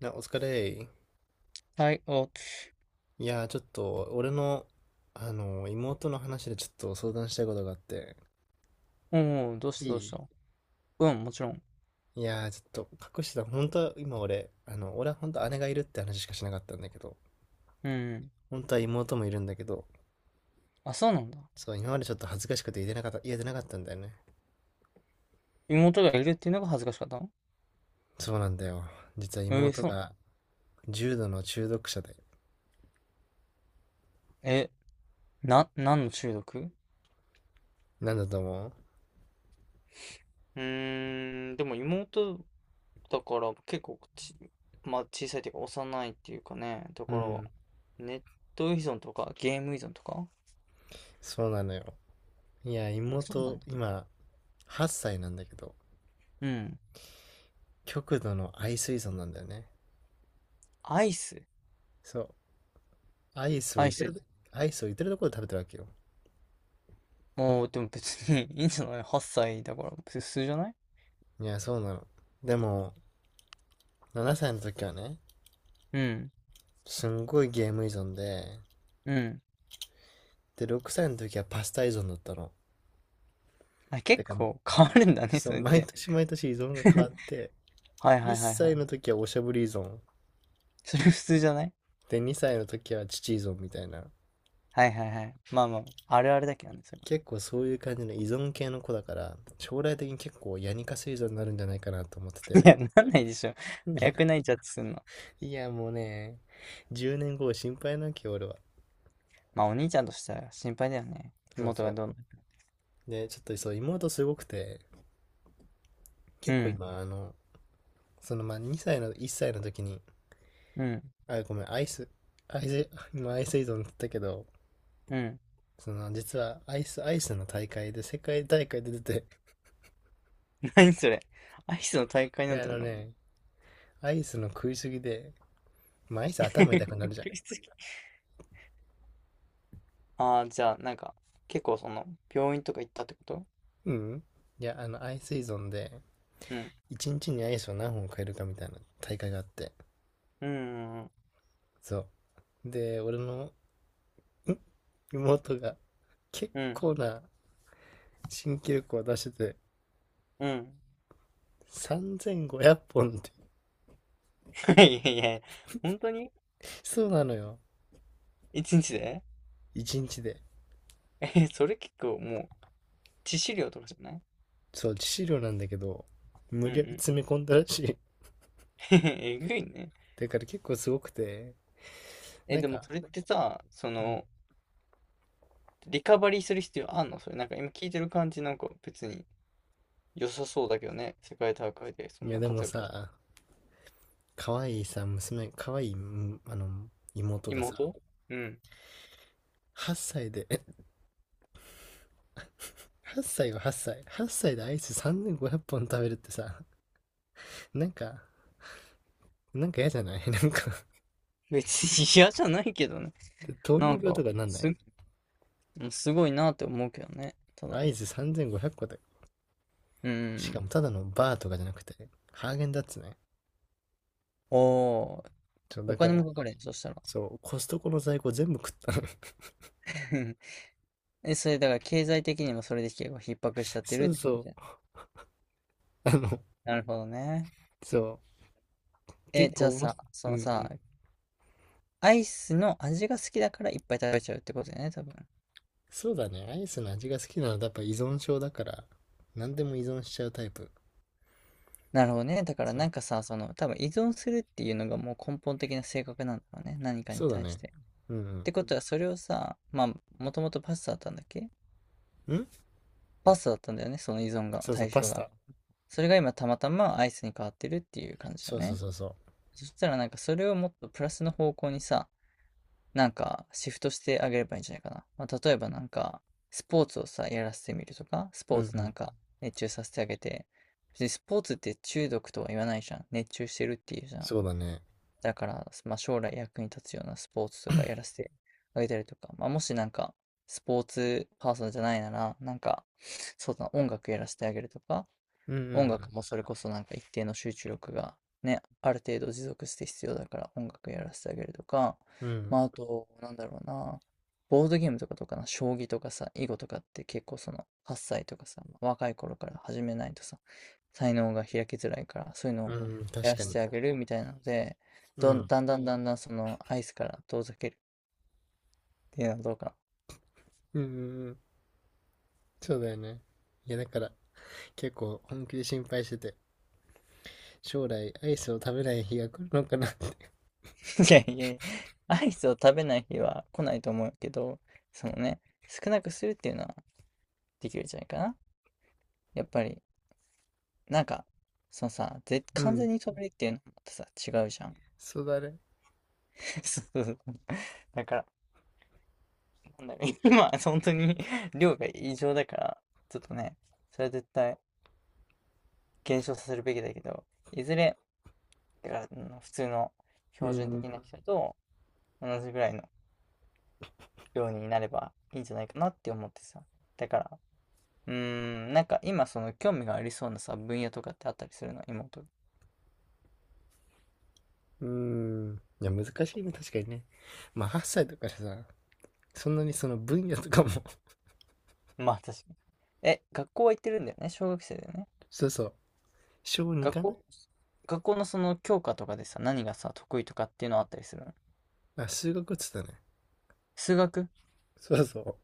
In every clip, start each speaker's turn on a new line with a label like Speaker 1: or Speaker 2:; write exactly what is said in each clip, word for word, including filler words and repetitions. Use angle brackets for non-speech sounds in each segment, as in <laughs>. Speaker 1: な、お疲れ。
Speaker 2: はい、お、
Speaker 1: いやー、ちょっと、俺の、あのー、妹の話でちょっと相談したいことがあって。
Speaker 2: おう、どうし
Speaker 1: い
Speaker 2: たどうし
Speaker 1: い
Speaker 2: た。うん、もちろん。
Speaker 1: いやー、ちょっと、隠してた。本当は、今俺、あの、俺は本当姉がいるって話しかしなかったんだけど、
Speaker 2: うん。
Speaker 1: 本当は妹もいるんだけど、
Speaker 2: あ、そうなんだ。
Speaker 1: そう、今までちょっと恥ずかしくて言えてなかった、言えてなかったんだよね。
Speaker 2: 妹がいるっていうのが恥ずかしかったの？
Speaker 1: そうなんだよ。実は
Speaker 2: えー、
Speaker 1: 妹
Speaker 2: そうなの？
Speaker 1: が、重度の中毒者で。
Speaker 2: え、な、何の中毒？
Speaker 1: なんだと思う？
Speaker 2: うーん、でも妹だから結構ち、まあ小さいっていうか幼いっていうかね、だ
Speaker 1: う
Speaker 2: から
Speaker 1: ん、
Speaker 2: ネット依存とかゲーム依存とか。
Speaker 1: そうなのよ。いや、
Speaker 2: あ、そうなん
Speaker 1: 妹、
Speaker 2: だ。
Speaker 1: 今、はっさいなんだけど、
Speaker 2: うん。
Speaker 1: 極度の愛水槽なんだよね。
Speaker 2: アイス。
Speaker 1: そう、アイスを
Speaker 2: ア
Speaker 1: 言
Speaker 2: イ
Speaker 1: って
Speaker 2: ス。
Speaker 1: る、アイスを言ってるところで食べてるわけよ。
Speaker 2: もう、でも別に <laughs> いいんじゃない？ はっさい 歳だから普通じゃない？
Speaker 1: いや、そうなの。でも、ななさいの時はね、
Speaker 2: うん。
Speaker 1: すんごいゲーム依存で、
Speaker 2: うん。
Speaker 1: で、ろくさいの時はパスタ依存だったの。
Speaker 2: あ、
Speaker 1: だ
Speaker 2: 結
Speaker 1: から、
Speaker 2: 構変わるんだね、
Speaker 1: そ
Speaker 2: そ
Speaker 1: う、
Speaker 2: れっ
Speaker 1: 毎
Speaker 2: て。
Speaker 1: 年毎年依存が変わっ
Speaker 2: <laughs>
Speaker 1: て、
Speaker 2: はいは
Speaker 1: 1
Speaker 2: いはいは
Speaker 1: 歳
Speaker 2: い。
Speaker 1: の時はおしゃぶり依存、
Speaker 2: <laughs> それ普通じゃない？
Speaker 1: で、にさいの時は父依存みたいな。
Speaker 2: はいはいはい。まあまあ、あるあるだけどね、それは。
Speaker 1: 結構そういう感じの依存系の子だから、将来的に結構ヤニカス依存になるんじゃないかなと思って
Speaker 2: <laughs> い
Speaker 1: て。
Speaker 2: や、なんないでしょ。
Speaker 1: いや、
Speaker 2: 早く泣いちゃってすんの？
Speaker 1: いやもうね、じゅうねんご心配なきゃ俺は。
Speaker 2: まあ、お兄ちゃんとしては心配だよね。
Speaker 1: でも
Speaker 2: 妹
Speaker 1: そ
Speaker 2: が
Speaker 1: う。
Speaker 2: どうな。
Speaker 1: で、ちょっとそう、妹すごくて、結構今、あの、そのまあにさいの、いっさいの時に、
Speaker 2: うん、うん、
Speaker 1: あ、ごめん、アイス、アイス、<laughs> 今アイス依存って言ったけど、
Speaker 2: うん。
Speaker 1: その実はアイス、アイスの大会で、世界大会で出て、
Speaker 2: <laughs> 何それ。アイスの大会
Speaker 1: い
Speaker 2: なん
Speaker 1: や、あ
Speaker 2: てや
Speaker 1: の
Speaker 2: んの？
Speaker 1: ね、アイスの食いすぎで、まあアイス頭痛くなるじゃん。
Speaker 2: <laughs> ああー、じゃあ、なんか、結構その、病院とか行ったってこと？
Speaker 1: うん。いや、あの、アイス依存で、
Speaker 2: うん、
Speaker 1: いちにちにアイスを何本買えるかみたいな大会があって、
Speaker 2: うん、うん、
Speaker 1: そう。で、俺の、ん妹が、結
Speaker 2: うん。
Speaker 1: 構な新記録を出してて、
Speaker 2: うん。
Speaker 1: さんぜんごひゃっぽんって
Speaker 2: <laughs> いやいやいや、本当に
Speaker 1: <laughs>。そうなのよ。
Speaker 2: 一日で。
Speaker 1: いちにちで。
Speaker 2: <laughs> え、それ結構もう、致死量とかじゃない？
Speaker 1: そう、致死量なんだけど、無
Speaker 2: うん
Speaker 1: 理
Speaker 2: う
Speaker 1: やり
Speaker 2: ん。
Speaker 1: 詰め込んだらしい。
Speaker 2: <laughs> えぐいね。
Speaker 1: だから結構すごくて、
Speaker 2: え、
Speaker 1: なん
Speaker 2: でも
Speaker 1: か、
Speaker 2: それってさ、そ
Speaker 1: うん、
Speaker 2: の、リカバリーする必要あんの？それ、なんか今聞いてる感じなんか別に良さそうだけどね。世界大会でそ
Speaker 1: い
Speaker 2: ん
Speaker 1: や
Speaker 2: な
Speaker 1: でも
Speaker 2: 活躍して。
Speaker 1: さ、可愛いさ、娘、可愛い、うんあの、妹が
Speaker 2: 妹。
Speaker 1: さ、
Speaker 2: うん。
Speaker 1: はっさいで、<laughs> はっさいよ、はっさい。はっさいでアイスさんぜんごひゃっぽん食べるってさ、なんか、なんか嫌じゃない？ <laughs> なんか、
Speaker 2: 別に嫌じゃないけどね。
Speaker 1: 糖
Speaker 2: な
Speaker 1: 尿
Speaker 2: ん
Speaker 1: 病と
Speaker 2: か、
Speaker 1: かなんな
Speaker 2: す、
Speaker 1: い？
Speaker 2: すごいなって思うけどね。ただ。
Speaker 1: アイスさんぜんごひゃっこで。
Speaker 2: う
Speaker 1: しか
Speaker 2: ん。
Speaker 1: もただのバーとかじゃなくて、ハーゲンダッツね。っ
Speaker 2: おー。
Speaker 1: と
Speaker 2: お
Speaker 1: だか
Speaker 2: 金
Speaker 1: ら、
Speaker 2: もかかるよ、そしたら。
Speaker 1: そう、コストコの在庫全部食ったの。
Speaker 2: <laughs> え、それだから経済的にもそれで結構逼迫しちゃっ
Speaker 1: <laughs>
Speaker 2: てる
Speaker 1: そ
Speaker 2: っ
Speaker 1: う
Speaker 2: て感じ
Speaker 1: そ
Speaker 2: だよね。
Speaker 1: う。あの、
Speaker 2: なるほどね。
Speaker 1: そう。
Speaker 2: え、
Speaker 1: 結
Speaker 2: じゃあ
Speaker 1: 構面
Speaker 2: さ、
Speaker 1: 白い。う
Speaker 2: その
Speaker 1: んう
Speaker 2: さ、
Speaker 1: ん。
Speaker 2: アイスの味が好きだからいっぱい食べちゃうってことだよね、多分。
Speaker 1: そうだね。アイスの味が好きなのはやっぱ依存症だから、何でも依存しちゃうタイプ。
Speaker 2: なるほどね。だから
Speaker 1: そ
Speaker 2: な
Speaker 1: う。
Speaker 2: んかさ、その、多分依存するっていうのがもう根本的な性格なんだろうね。何かに
Speaker 1: そうだ
Speaker 2: 対し
Speaker 1: ね。
Speaker 2: て。
Speaker 1: う
Speaker 2: っ
Speaker 1: ん
Speaker 2: てことは、それをさ、まあ、もともとパスタだったんだっけ？
Speaker 1: うん。ん
Speaker 2: パスタだったんだよね、その依存が、
Speaker 1: そうそう、
Speaker 2: 対
Speaker 1: パ
Speaker 2: 象
Speaker 1: ス
Speaker 2: が。
Speaker 1: タ。
Speaker 2: それが今たまたまアイスに変わってるっていう感じだ
Speaker 1: そ
Speaker 2: よ
Speaker 1: うそう
Speaker 2: ね。
Speaker 1: そうそ
Speaker 2: そしたらなんかそれをもっとプラスの方向にさ、なんかシフトしてあげればいいんじゃないかな。まあ、例えばなんか、スポーツをさ、やらせてみるとか、ス
Speaker 1: う。う
Speaker 2: ポ
Speaker 1: ん
Speaker 2: ー
Speaker 1: う
Speaker 2: ツな
Speaker 1: ん。
Speaker 2: んか熱中させてあげて、別にスポーツって中毒とは言わないじゃん。熱中してるっていうじゃん。
Speaker 1: そうだね。
Speaker 2: だから、まあ、将来役に立つようなスポーツとかやらせてあげたりとか、まあ、もしなんか、スポーツパーソンじゃないなら、なんか、そうだな、音楽やらせてあげるとか、
Speaker 1: うんう
Speaker 2: 音
Speaker 1: ん。
Speaker 2: 楽もそれこそなんか一定の集中力がね、ある程度持続して必要だから音楽やらせてあげるとか、
Speaker 1: うん。
Speaker 2: まああと、なんだろうな、ボードゲームとかとかな、将棋とかさ、囲碁とかって結構そのはっさいとかさ、若い頃から始めないとさ、才能が開きづらいから、そういうの
Speaker 1: う
Speaker 2: を
Speaker 1: ん、
Speaker 2: や
Speaker 1: 確
Speaker 2: ら
Speaker 1: か
Speaker 2: せ
Speaker 1: に。
Speaker 2: てあげるみたいなので、
Speaker 1: う
Speaker 2: どん、
Speaker 1: ん。
Speaker 2: だんだんだんだんそのアイスから遠ざけるっていうのはどうかな。
Speaker 1: うんうんうん。そうだよね。いや、だから、結構本気で心配してて、将来アイスを食べない日が来るのかなって。
Speaker 2: <laughs> いやいやいや、アイスを食べない日は来ないと思うけど、そのね、少なくするっていうのはできるんじゃないかな。やっぱり、なんか、そのさ、ぜ、
Speaker 1: う
Speaker 2: 完
Speaker 1: ん。
Speaker 2: 全に飛べるっていうのもまたさ、違うじゃん。
Speaker 1: そうだね。
Speaker 2: <laughs> そうそうそう。だから、なんだろう、<laughs> 今、本当に <laughs> 量が異常だから、ちょっとね、それは絶対減少させるべきだけど、いずれ、だから、うん、普通の
Speaker 1: う
Speaker 2: 標準
Speaker 1: ん、
Speaker 2: 的な人と同じぐらいの量になればいいんじゃないかなって思ってさ。だから、うーん、なんか今その興味がありそうなさ、分野とかってあったりするの、妹が。
Speaker 1: うん、うん。いや、難しいね、確かにね。まあ、はっさいだからさ、そんなにその分野とかも。
Speaker 2: まあ確かに。え、学校は行ってるんだよね。小学生だよね。
Speaker 1: <laughs> そうそう、小に
Speaker 2: 学
Speaker 1: かな。
Speaker 2: 校、学校のその教科とかでさ、何がさ、得意とかっていうのあったりするの？
Speaker 1: あ、数学っつったね。
Speaker 2: 数学？
Speaker 1: そうそ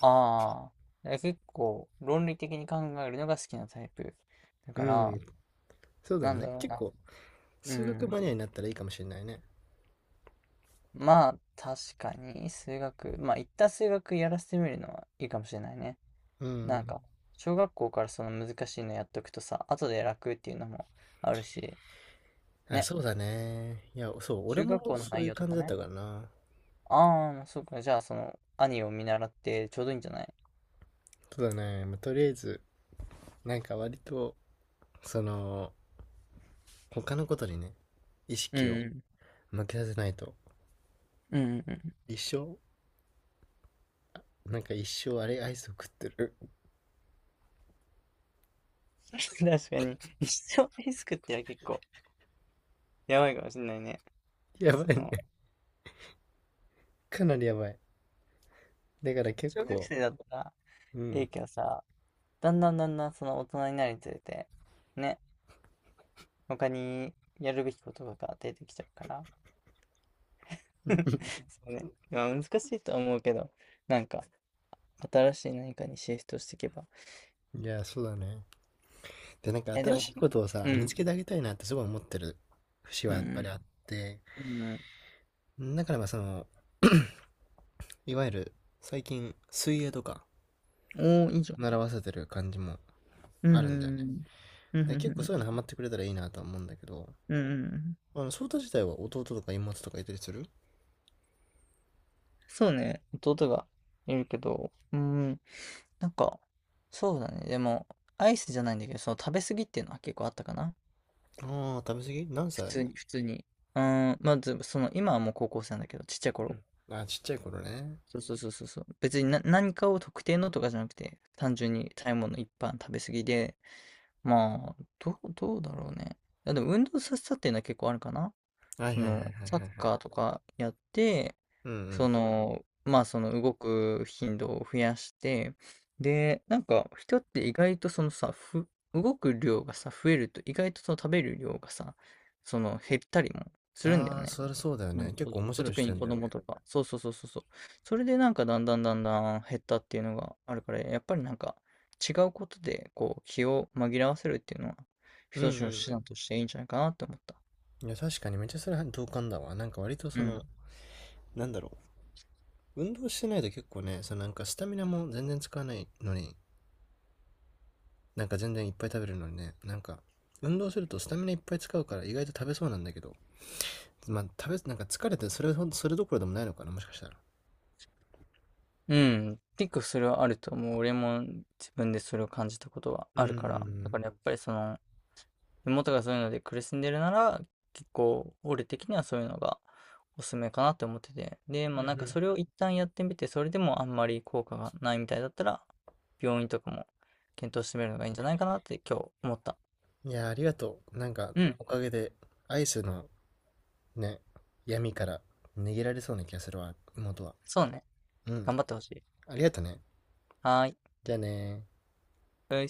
Speaker 2: ああー。え、結構、論理的に考えるのが好きなタイプ？だ
Speaker 1: う。
Speaker 2: か
Speaker 1: う
Speaker 2: ら、
Speaker 1: ん、そうだ
Speaker 2: なんだ
Speaker 1: ね。
Speaker 2: ろう
Speaker 1: 結
Speaker 2: な。
Speaker 1: 構、
Speaker 2: う
Speaker 1: 数学
Speaker 2: ん。
Speaker 1: マニアになったらいいかもしれないね。
Speaker 2: まあ、確かに、数学。まあ、一旦数学やらせてみるのはいいかもしれないね。
Speaker 1: う
Speaker 2: なん
Speaker 1: ん。
Speaker 2: か、小学校からその難しいのやっとくとさ、後で楽っていうのもあるし、
Speaker 1: あ、
Speaker 2: ね。
Speaker 1: そうだね。いや、そう、俺
Speaker 2: 中
Speaker 1: も
Speaker 2: 学校の
Speaker 1: そう
Speaker 2: 内
Speaker 1: いう
Speaker 2: 容と
Speaker 1: 感じ
Speaker 2: か
Speaker 1: だっ
Speaker 2: ね。
Speaker 1: たからな。
Speaker 2: ああ、そうか。じゃあ、その、兄を見習ってちょうどいいんじゃない？
Speaker 1: そうだね。まあ、とりあえず、なんか割と、その、他のことにね、意
Speaker 2: う
Speaker 1: 識を
Speaker 2: んうん。
Speaker 1: 向けさせないと、
Speaker 2: うんうんうん。
Speaker 1: 一生、なんか一生あれアイスを食ってる。
Speaker 2: <laughs> 確かに。一生リスクってのは結構やばいかもしんないね。
Speaker 1: やば
Speaker 2: そ
Speaker 1: い
Speaker 2: の、
Speaker 1: ね。かなりやばい。だから結
Speaker 2: 小学
Speaker 1: 構、
Speaker 2: 生だったら
Speaker 1: う
Speaker 2: い
Speaker 1: ん。
Speaker 2: いけどさ、だんだんだんだんその大人になるにつれて、ね、他にやるべきことが出てきちゃうから。
Speaker 1: う
Speaker 2: <laughs>
Speaker 1: ん、
Speaker 2: そうね。まあ難しいとは思うけど、なんか、新しい何かにシフトしていけば。
Speaker 1: いや、そうだね。で、なんか
Speaker 2: え、で
Speaker 1: 新し
Speaker 2: も、
Speaker 1: いことをさ、
Speaker 2: う
Speaker 1: 見つ
Speaker 2: ん。
Speaker 1: けてあげたいなってすごい思ってる節
Speaker 2: う
Speaker 1: はやっぱ
Speaker 2: ん。
Speaker 1: りあって、
Speaker 2: うん。うん。
Speaker 1: だからまあその、いわゆる最近水泳とか
Speaker 2: おー、いいじゃん。
Speaker 1: 習わせてる感じも
Speaker 2: う
Speaker 1: あるんだよね。
Speaker 2: ん。うんうん
Speaker 1: で、
Speaker 2: う
Speaker 1: 結構そういう
Speaker 2: ん。
Speaker 1: のハマってくれたらいいなとは思うんだけど、
Speaker 2: うんうんうん。
Speaker 1: あの、ソータ自体は弟とか妹とかいたりする？
Speaker 2: そうね。弟がいるけど、うん。なんか、そうだね。でも、アイスじゃないんだけど、その食べ過ぎっていうのは結構あったかな。
Speaker 1: ああー、食べ過ぎ何
Speaker 2: 普通
Speaker 1: 歳？
Speaker 2: に、普通に。うん。まず、その、今はもう高校生なんだけど、ちっちゃい
Speaker 1: う
Speaker 2: 頃。
Speaker 1: ん。あー、ちっちゃい頃ね。
Speaker 2: そうそうそうそうそう。別にな、何かを特定のとかじゃなくて、単純に食べ物一般食べ過ぎで、まあ、どう、どうだろうね。いやでも運動させたっていうのは結構あるかな。
Speaker 1: はい
Speaker 2: そ
Speaker 1: はい
Speaker 2: の、
Speaker 1: はいはい
Speaker 2: サッ
Speaker 1: はいはい。
Speaker 2: カーとかやって、
Speaker 1: うんう
Speaker 2: そ
Speaker 1: ん。
Speaker 2: の、まあその動く頻度を増やして、で、なんか人って意外とそのさ、ふ、動く量がさ、増えると意外とその食べる量がさ、その減ったりもするんだ
Speaker 1: あ
Speaker 2: よ
Speaker 1: あ、
Speaker 2: ね。
Speaker 1: それそうだよ
Speaker 2: うん。
Speaker 1: ね。結
Speaker 2: そ
Speaker 1: 構面
Speaker 2: う、
Speaker 1: 白い視
Speaker 2: 特に
Speaker 1: 点
Speaker 2: 子
Speaker 1: だよ
Speaker 2: 供
Speaker 1: ね。
Speaker 2: とか。そうそうそうそうそう。それでなんかだんだんだんだん減ったっていうのがあるから、やっぱりなんか違うことでこう気を紛らわせるっていうのは
Speaker 1: うんう
Speaker 2: 一つの手
Speaker 1: ん
Speaker 2: 段としていいんじゃないかなって思った。
Speaker 1: うん。いや、確かにめっちゃそれは同感だわ。なんか割と
Speaker 2: う
Speaker 1: そ
Speaker 2: ん。
Speaker 1: の、なんだろう、運動してないと結構ね、そのなんかスタミナも全然使わないのに、なんか全然いっぱい食べるのにね、なんか、運動するとスタミナいっぱい使うから意外と食べそうなんだけど、まあ食べ、なんか疲れてそれほど、それどころでもないのかな、もしかしたら。
Speaker 2: うん。結構それはあると思う。俺も自分でそれを感じたことは
Speaker 1: うん
Speaker 2: あ
Speaker 1: う
Speaker 2: るから。だか
Speaker 1: ん
Speaker 2: らやっぱりその、妹がそういうので苦しんでるなら、結構、俺的にはそういうのがおすすめかなって思ってて。で、
Speaker 1: う
Speaker 2: まあ
Speaker 1: ん。う
Speaker 2: なんか
Speaker 1: ん
Speaker 2: それを一旦やってみて、それでもあんまり効果がないみたいだったら、病院とかも検討してみるのがいいんじゃないかなって今日思った。
Speaker 1: うん。いや、ありがとう。なんか、
Speaker 2: うん、
Speaker 1: おかげで、アイスのね、闇から逃げられそうな気がするわ、妹は。
Speaker 2: そうね。
Speaker 1: うん。
Speaker 2: 頑張ってほしい。
Speaker 1: ありがとね。
Speaker 2: はーい。
Speaker 1: じゃあねー。
Speaker 2: うい。